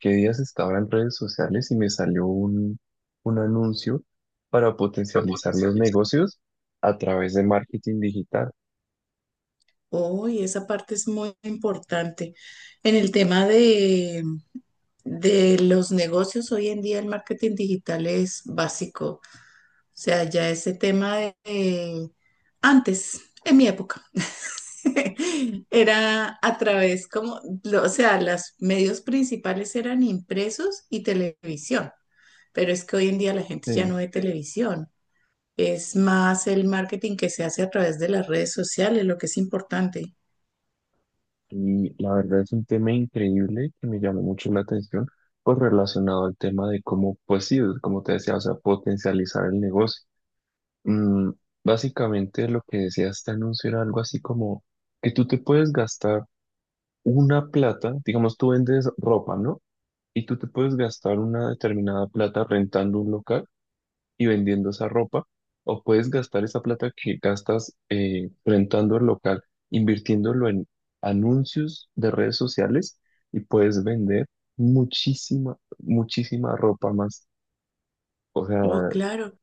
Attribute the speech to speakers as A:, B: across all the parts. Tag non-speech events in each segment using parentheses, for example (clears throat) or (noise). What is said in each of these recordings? A: Qué días estaba en redes sociales y me salió un anuncio para potencializar los negocios a través de marketing digital.
B: Oh, y esa parte es muy importante. En el tema de los negocios, hoy en día el marketing digital es básico. O sea, ya ese tema de antes, en mi época, (laughs) era a través como, o sea, los medios principales eran impresos y televisión. Pero es que hoy en día la gente ya no
A: Sí.
B: ve televisión. Es más el marketing que se hace a través de las redes sociales, lo que es importante.
A: Y la verdad es un tema increíble que me llamó mucho la atención, pues relacionado al tema de cómo, pues sí, como te decía, o sea, potencializar el negocio. Mm, Básicamente lo que decía este anuncio era algo así como que tú te puedes gastar una plata, digamos, tú vendes ropa, ¿no? Y tú te puedes gastar una determinada plata rentando un local y vendiendo esa ropa, o puedes gastar esa plata que gastas rentando el local, invirtiéndolo en anuncios de redes sociales y puedes vender muchísima, muchísima ropa más. O sea,
B: Oh, claro,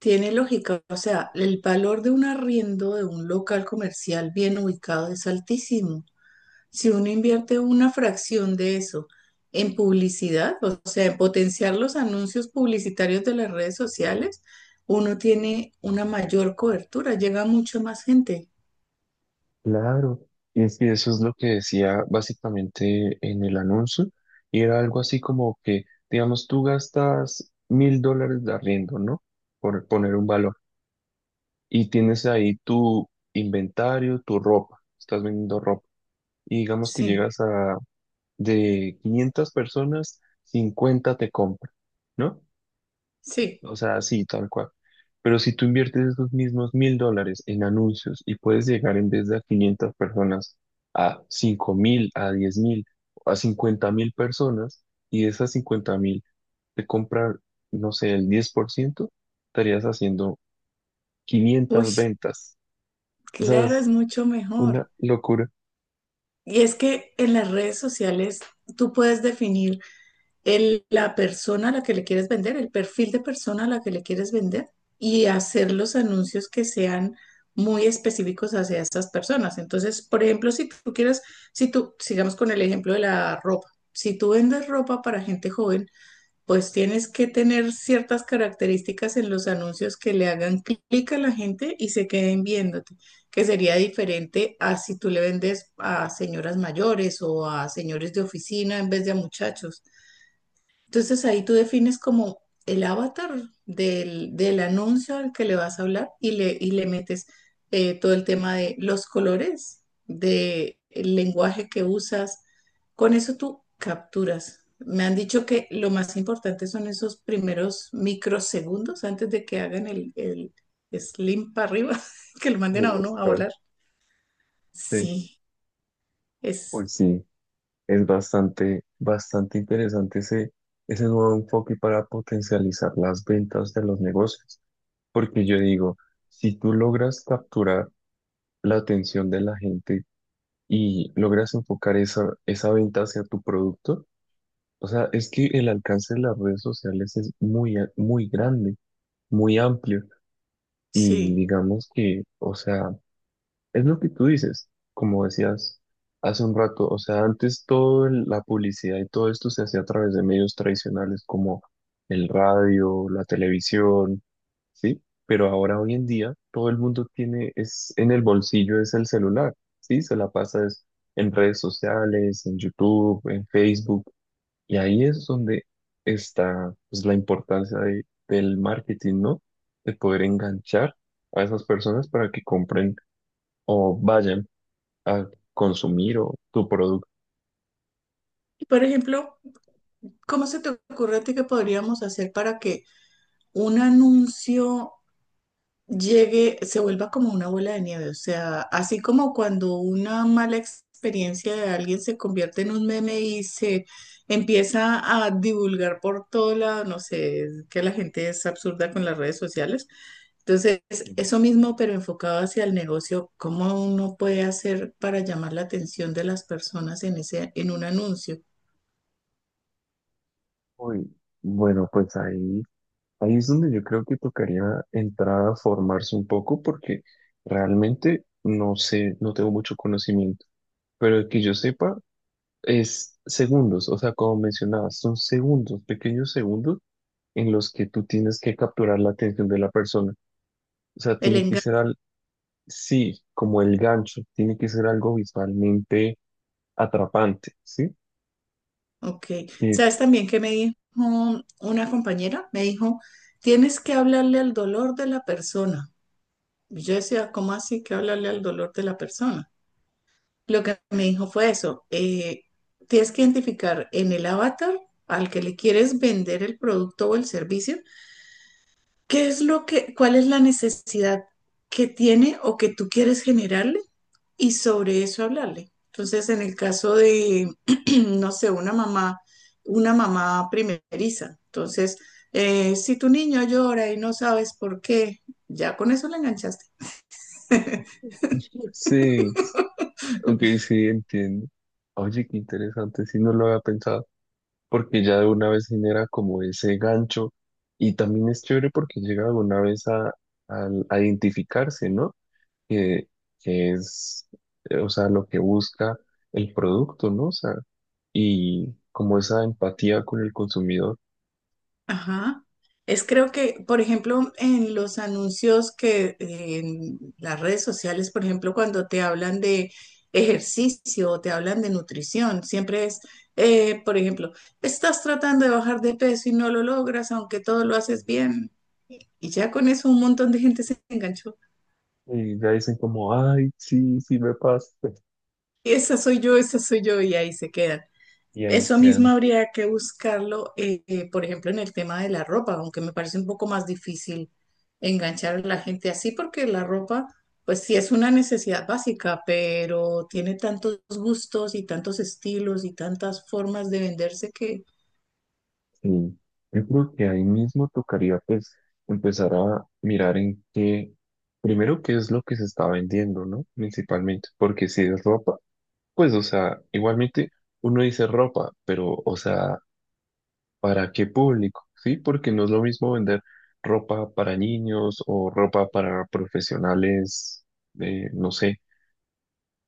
B: tiene lógica. O sea, el valor de un arriendo de un local comercial bien ubicado es altísimo. Si uno invierte una fracción de eso en publicidad, o sea, en potenciar los anuncios publicitarios de las redes sociales, uno tiene una mayor cobertura, llega a mucha más gente.
A: claro. Y es que eso es lo que decía básicamente en el anuncio, y era algo así como que, digamos, tú gastas $1,000 de arriendo, ¿no? Por poner un valor y tienes ahí tu inventario, tu ropa, estás vendiendo ropa. Y digamos que
B: Sí,
A: llegas a de 500 personas, 50 te compran, ¿no?
B: sí.
A: O sea, así, tal cual. Pero si tú inviertes esos mismos $1,000 en anuncios y puedes llegar en vez de a 500 personas a 5,000, a 10,000, a 50,000 personas, y de esas 50,000 te compran, no sé, el 10% estarías haciendo
B: Uy,
A: 500 ventas. O sea,
B: claro,
A: es-
B: es mucho mejor.
A: Una locura.
B: Y es que en las redes sociales tú puedes definir la persona a la que le quieres vender, el perfil de persona a la que le quieres vender y hacer los anuncios que sean muy específicos hacia estas personas. Entonces, por ejemplo, si tú, sigamos con el ejemplo de la ropa, si tú vendes ropa para gente joven, pues tienes que tener ciertas características en los anuncios que le hagan clic a la gente y se queden viéndote, que sería diferente a si tú le vendes a señoras mayores o a señores de oficina en vez de a muchachos. Entonces ahí tú defines como el avatar del anuncio al que le vas a hablar y le metes todo el tema de los colores, de el lenguaje que usas. Con eso tú capturas. Me han dicho que lo más importante son esos primeros microsegundos antes de que hagan el slim para arriba, (laughs) que lo manden
A: No
B: a
A: lo
B: uno a
A: esperaba.
B: volar.
A: Sí.
B: Sí, es,
A: Pues sí, es bastante, bastante interesante ese nuevo enfoque para potencializar las ventas de los negocios. Porque yo digo, si tú logras capturar la atención de la gente y logras enfocar esa venta hacia tu producto, o sea, es que el alcance de las redes sociales es muy, muy grande, muy amplio. Y
B: sí.
A: digamos que, o sea, es lo que tú dices, como decías hace un rato, o sea, antes toda la publicidad y todo esto se hacía a través de medios tradicionales como el radio, la televisión, ¿sí? Pero ahora hoy en día todo el mundo tiene, es en el bolsillo, es el celular, ¿sí? Se la pasa es en redes sociales, en YouTube, en Facebook, y ahí es donde está pues, la importancia del marketing, ¿no? De poder enganchar a esas personas para que compren o vayan a consumir o tu producto.
B: Por ejemplo, ¿cómo se te ocurre a ti que podríamos hacer para que un anuncio llegue, se vuelva como una bola de nieve? O sea, así como cuando una mala experiencia de alguien se convierte en un meme y se empieza a divulgar por todo lado, no sé, es que la gente es absurda con las redes sociales. Entonces,
A: en-
B: eso mismo, pero enfocado hacia el negocio, ¿cómo uno puede hacer para llamar la atención de las personas en en un anuncio?
A: Uy, bueno, pues ahí es donde yo creo que tocaría entrar a formarse un poco porque realmente no sé, no tengo mucho conocimiento, pero el que yo sepa es segundos, o sea, como mencionabas, son segundos, pequeños segundos en los que tú tienes que capturar la atención de la persona. O sea,
B: El
A: tiene que ser sí, como el gancho, tiene que ser algo visualmente atrapante, ¿sí?
B: Ok,
A: Que-
B: ¿sabes también que me dijo una compañera? Me dijo, tienes que hablarle al dolor de la persona. Y yo decía, ¿cómo así que hablarle al dolor de la persona? Lo que me dijo fue eso, tienes que identificar en el avatar al que le quieres vender el producto o el servicio, qué es lo que, cuál es la necesidad que tiene o que tú quieres generarle y sobre eso hablarle. Entonces, en el caso de, (clears throat) no sé, una mamá primeriza, entonces, si tu niño llora y no sabes por qué, ya con eso le enganchaste.
A: Sí, Ok, sí, entiendo. Oye, qué interesante, sí, no lo había pensado, porque ya de una vez genera como ese gancho y también es chévere porque llega de una vez a identificarse, ¿no? Que, que es, o sea, lo que busca el producto, ¿no? O sea, y como esa empatía con el consumidor,
B: Ajá. Es creo que, por ejemplo, en los anuncios que en las redes sociales, por ejemplo, cuando te hablan de ejercicio o te hablan de nutrición, por ejemplo, estás tratando de bajar de peso y no lo logras, aunque todo lo haces bien. Y ya con eso un montón de gente se enganchó.
A: y ya dicen como, ay, sí, sí me pasa,
B: Y esa soy yo, y ahí se quedan.
A: y ahí
B: Eso mismo
A: quedan.
B: habría que buscarlo, por ejemplo, en el tema de la ropa, aunque me parece un poco más difícil enganchar a la gente así, porque la ropa, pues sí es una necesidad básica, pero tiene tantos gustos y tantos estilos y tantas formas de venderse que
A: Sí, yo creo que ahí mismo tocaría pues empezar a mirar en qué, primero qué es lo que se está vendiendo, ¿no? Principalmente, porque si es ropa, pues o sea, igualmente uno dice ropa, pero o sea, ¿para qué público? Sí, porque no es lo mismo vender ropa para niños o ropa para profesionales, no sé,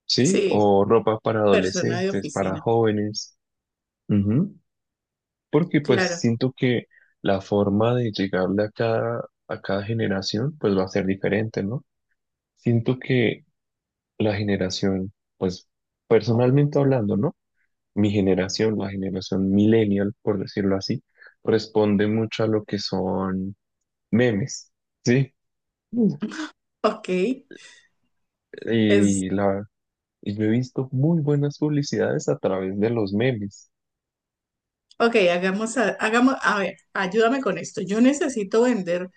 A: sí,
B: sí,
A: o ropa para
B: persona de
A: adolescentes, para
B: oficina,
A: jóvenes. Porque pues
B: claro.
A: siento que la forma de llegarle a a cada generación pues va a ser diferente, ¿no? Siento que la generación, pues personalmente hablando, ¿no? Mi generación, la generación millennial, por decirlo así, responde mucho a lo que son memes, ¿sí? Mm.
B: Ok, es,
A: Y, la, y yo he visto muy buenas publicidades a través de los memes.
B: ok, hagamos, hagamos, a ver, ayúdame con esto. Yo necesito vender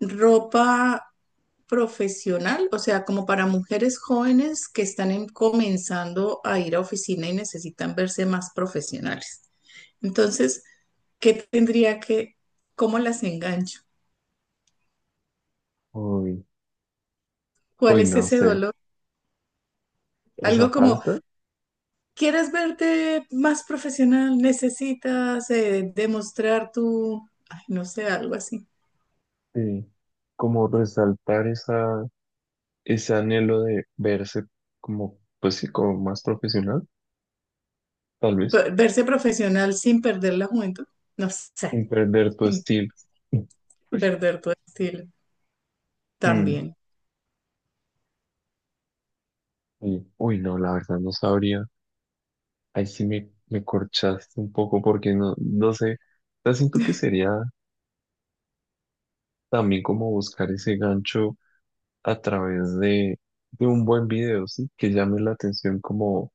B: ropa profesional, o sea, como para mujeres jóvenes que están comenzando a ir a oficina y necesitan verse más profesionales. Entonces, ¿qué tendría que, ¿cómo las engancho?
A: Uy,
B: ¿Cuál
A: uy,
B: es
A: no
B: ese
A: sé,
B: dolor?
A: esa
B: Algo como,
A: falta
B: ¿quieres verte más profesional? ¿Necesitas demostrar tu, ay, no sé, algo así?
A: de como resaltar esa ese anhelo de verse como, pues sí, como más profesional, tal vez,
B: Verse profesional sin perder la juventud, no sé,
A: sin perder tu
B: sin
A: estilo. Uy,
B: perder tu estilo
A: mm,
B: también.
A: sí. Uy, no, la verdad no sabría. Ahí sí me corchaste un poco porque no, no sé. O sea, siento que sería también como buscar ese gancho a través de un buen video, ¿sí? Que llame la atención como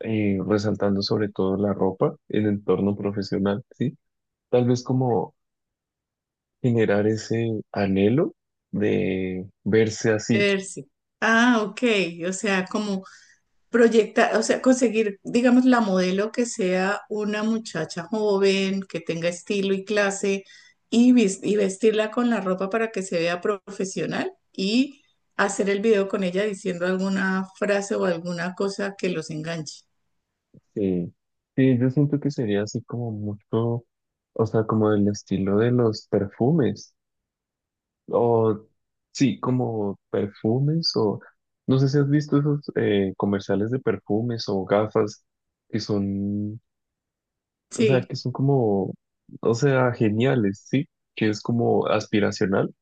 A: resaltando sobre todo la ropa, el entorno profesional, ¿sí? Tal vez como generar ese anhelo de verse así.
B: Verse. Ah, ok, o sea, como proyectar, o sea, conseguir, digamos, la modelo que sea una muchacha joven, que tenga estilo y clase, y vestirla con la ropa para que se vea profesional y hacer el video con ella diciendo alguna frase o alguna cosa que los enganche.
A: Sí, sí, yo siento que sería así como mucho, o sea, como del estilo de los perfumes, o sí, como perfumes, o no sé si has visto esos comerciales de perfumes o gafas que son, o sea,
B: Sí,
A: que son como, o sea, geniales, sí, que es como aspiracional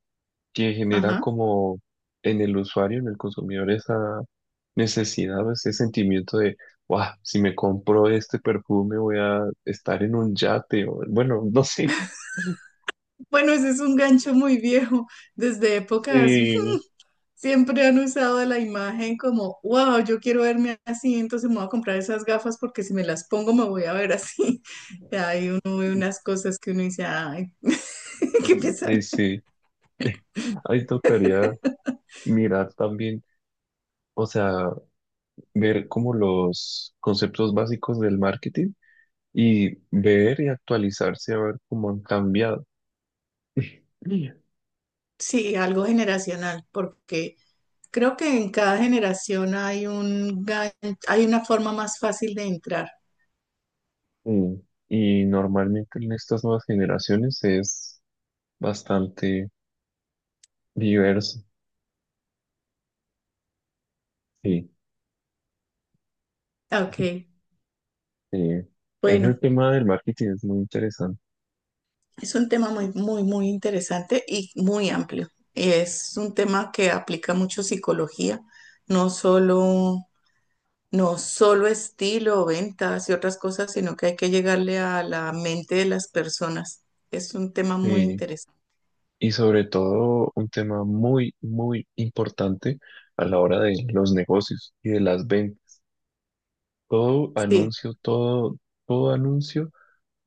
A: que genera
B: ajá.
A: como en el usuario, en el consumidor, esa necesidad o ese sentimiento de, wow, si me compro este perfume voy a estar en un yate, o bueno, no sé. (laughs)
B: Bueno, ese es un gancho muy viejo, desde épocas.
A: Sí,
B: Siempre han usado la imagen como, wow, yo quiero verme así, entonces me voy a comprar esas gafas porque si me las pongo me voy a ver así. (laughs) Y ahí uno ve unas cosas que uno dice, ay, (laughs) qué pesar.
A: sí, ahí tocaría mirar también, o sea, ver como los conceptos básicos del marketing y ver y actualizarse a ver cómo han cambiado. Sí.
B: Sí, algo generacional, porque creo que en cada generación hay una forma más fácil de entrar.
A: Mm, Y normalmente en estas nuevas generaciones es bastante diverso. Sí,
B: Ok,
A: sí. Ese
B: bueno,
A: tema del marketing es muy interesante.
B: es un tema muy, muy, muy interesante y muy amplio. Es un tema que aplica mucho psicología, no solo no solo estilo, ventas y otras cosas, sino que hay que llegarle a la mente de las personas. Es un tema muy
A: Sí.
B: interesante.
A: Y sobre todo un tema muy, muy importante a la hora de los negocios y de las ventas. Todo
B: Sí,
A: anuncio, todo, todo anuncio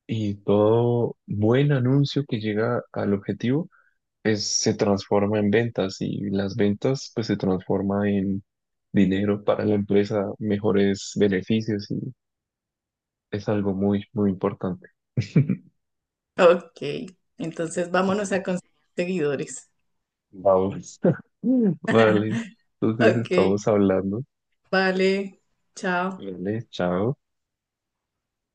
A: y todo buen anuncio que llega al objetivo se transforma en ventas y las ventas pues se transforma en dinero para la empresa, mejores beneficios es algo muy, muy importante. (laughs)
B: ok. Entonces vámonos a
A: Eh,
B: conseguir seguidores.
A: Vamos. (laughs) Vale, entonces
B: Ok,
A: estamos hablando.
B: vale. Chao.
A: Vale, chao.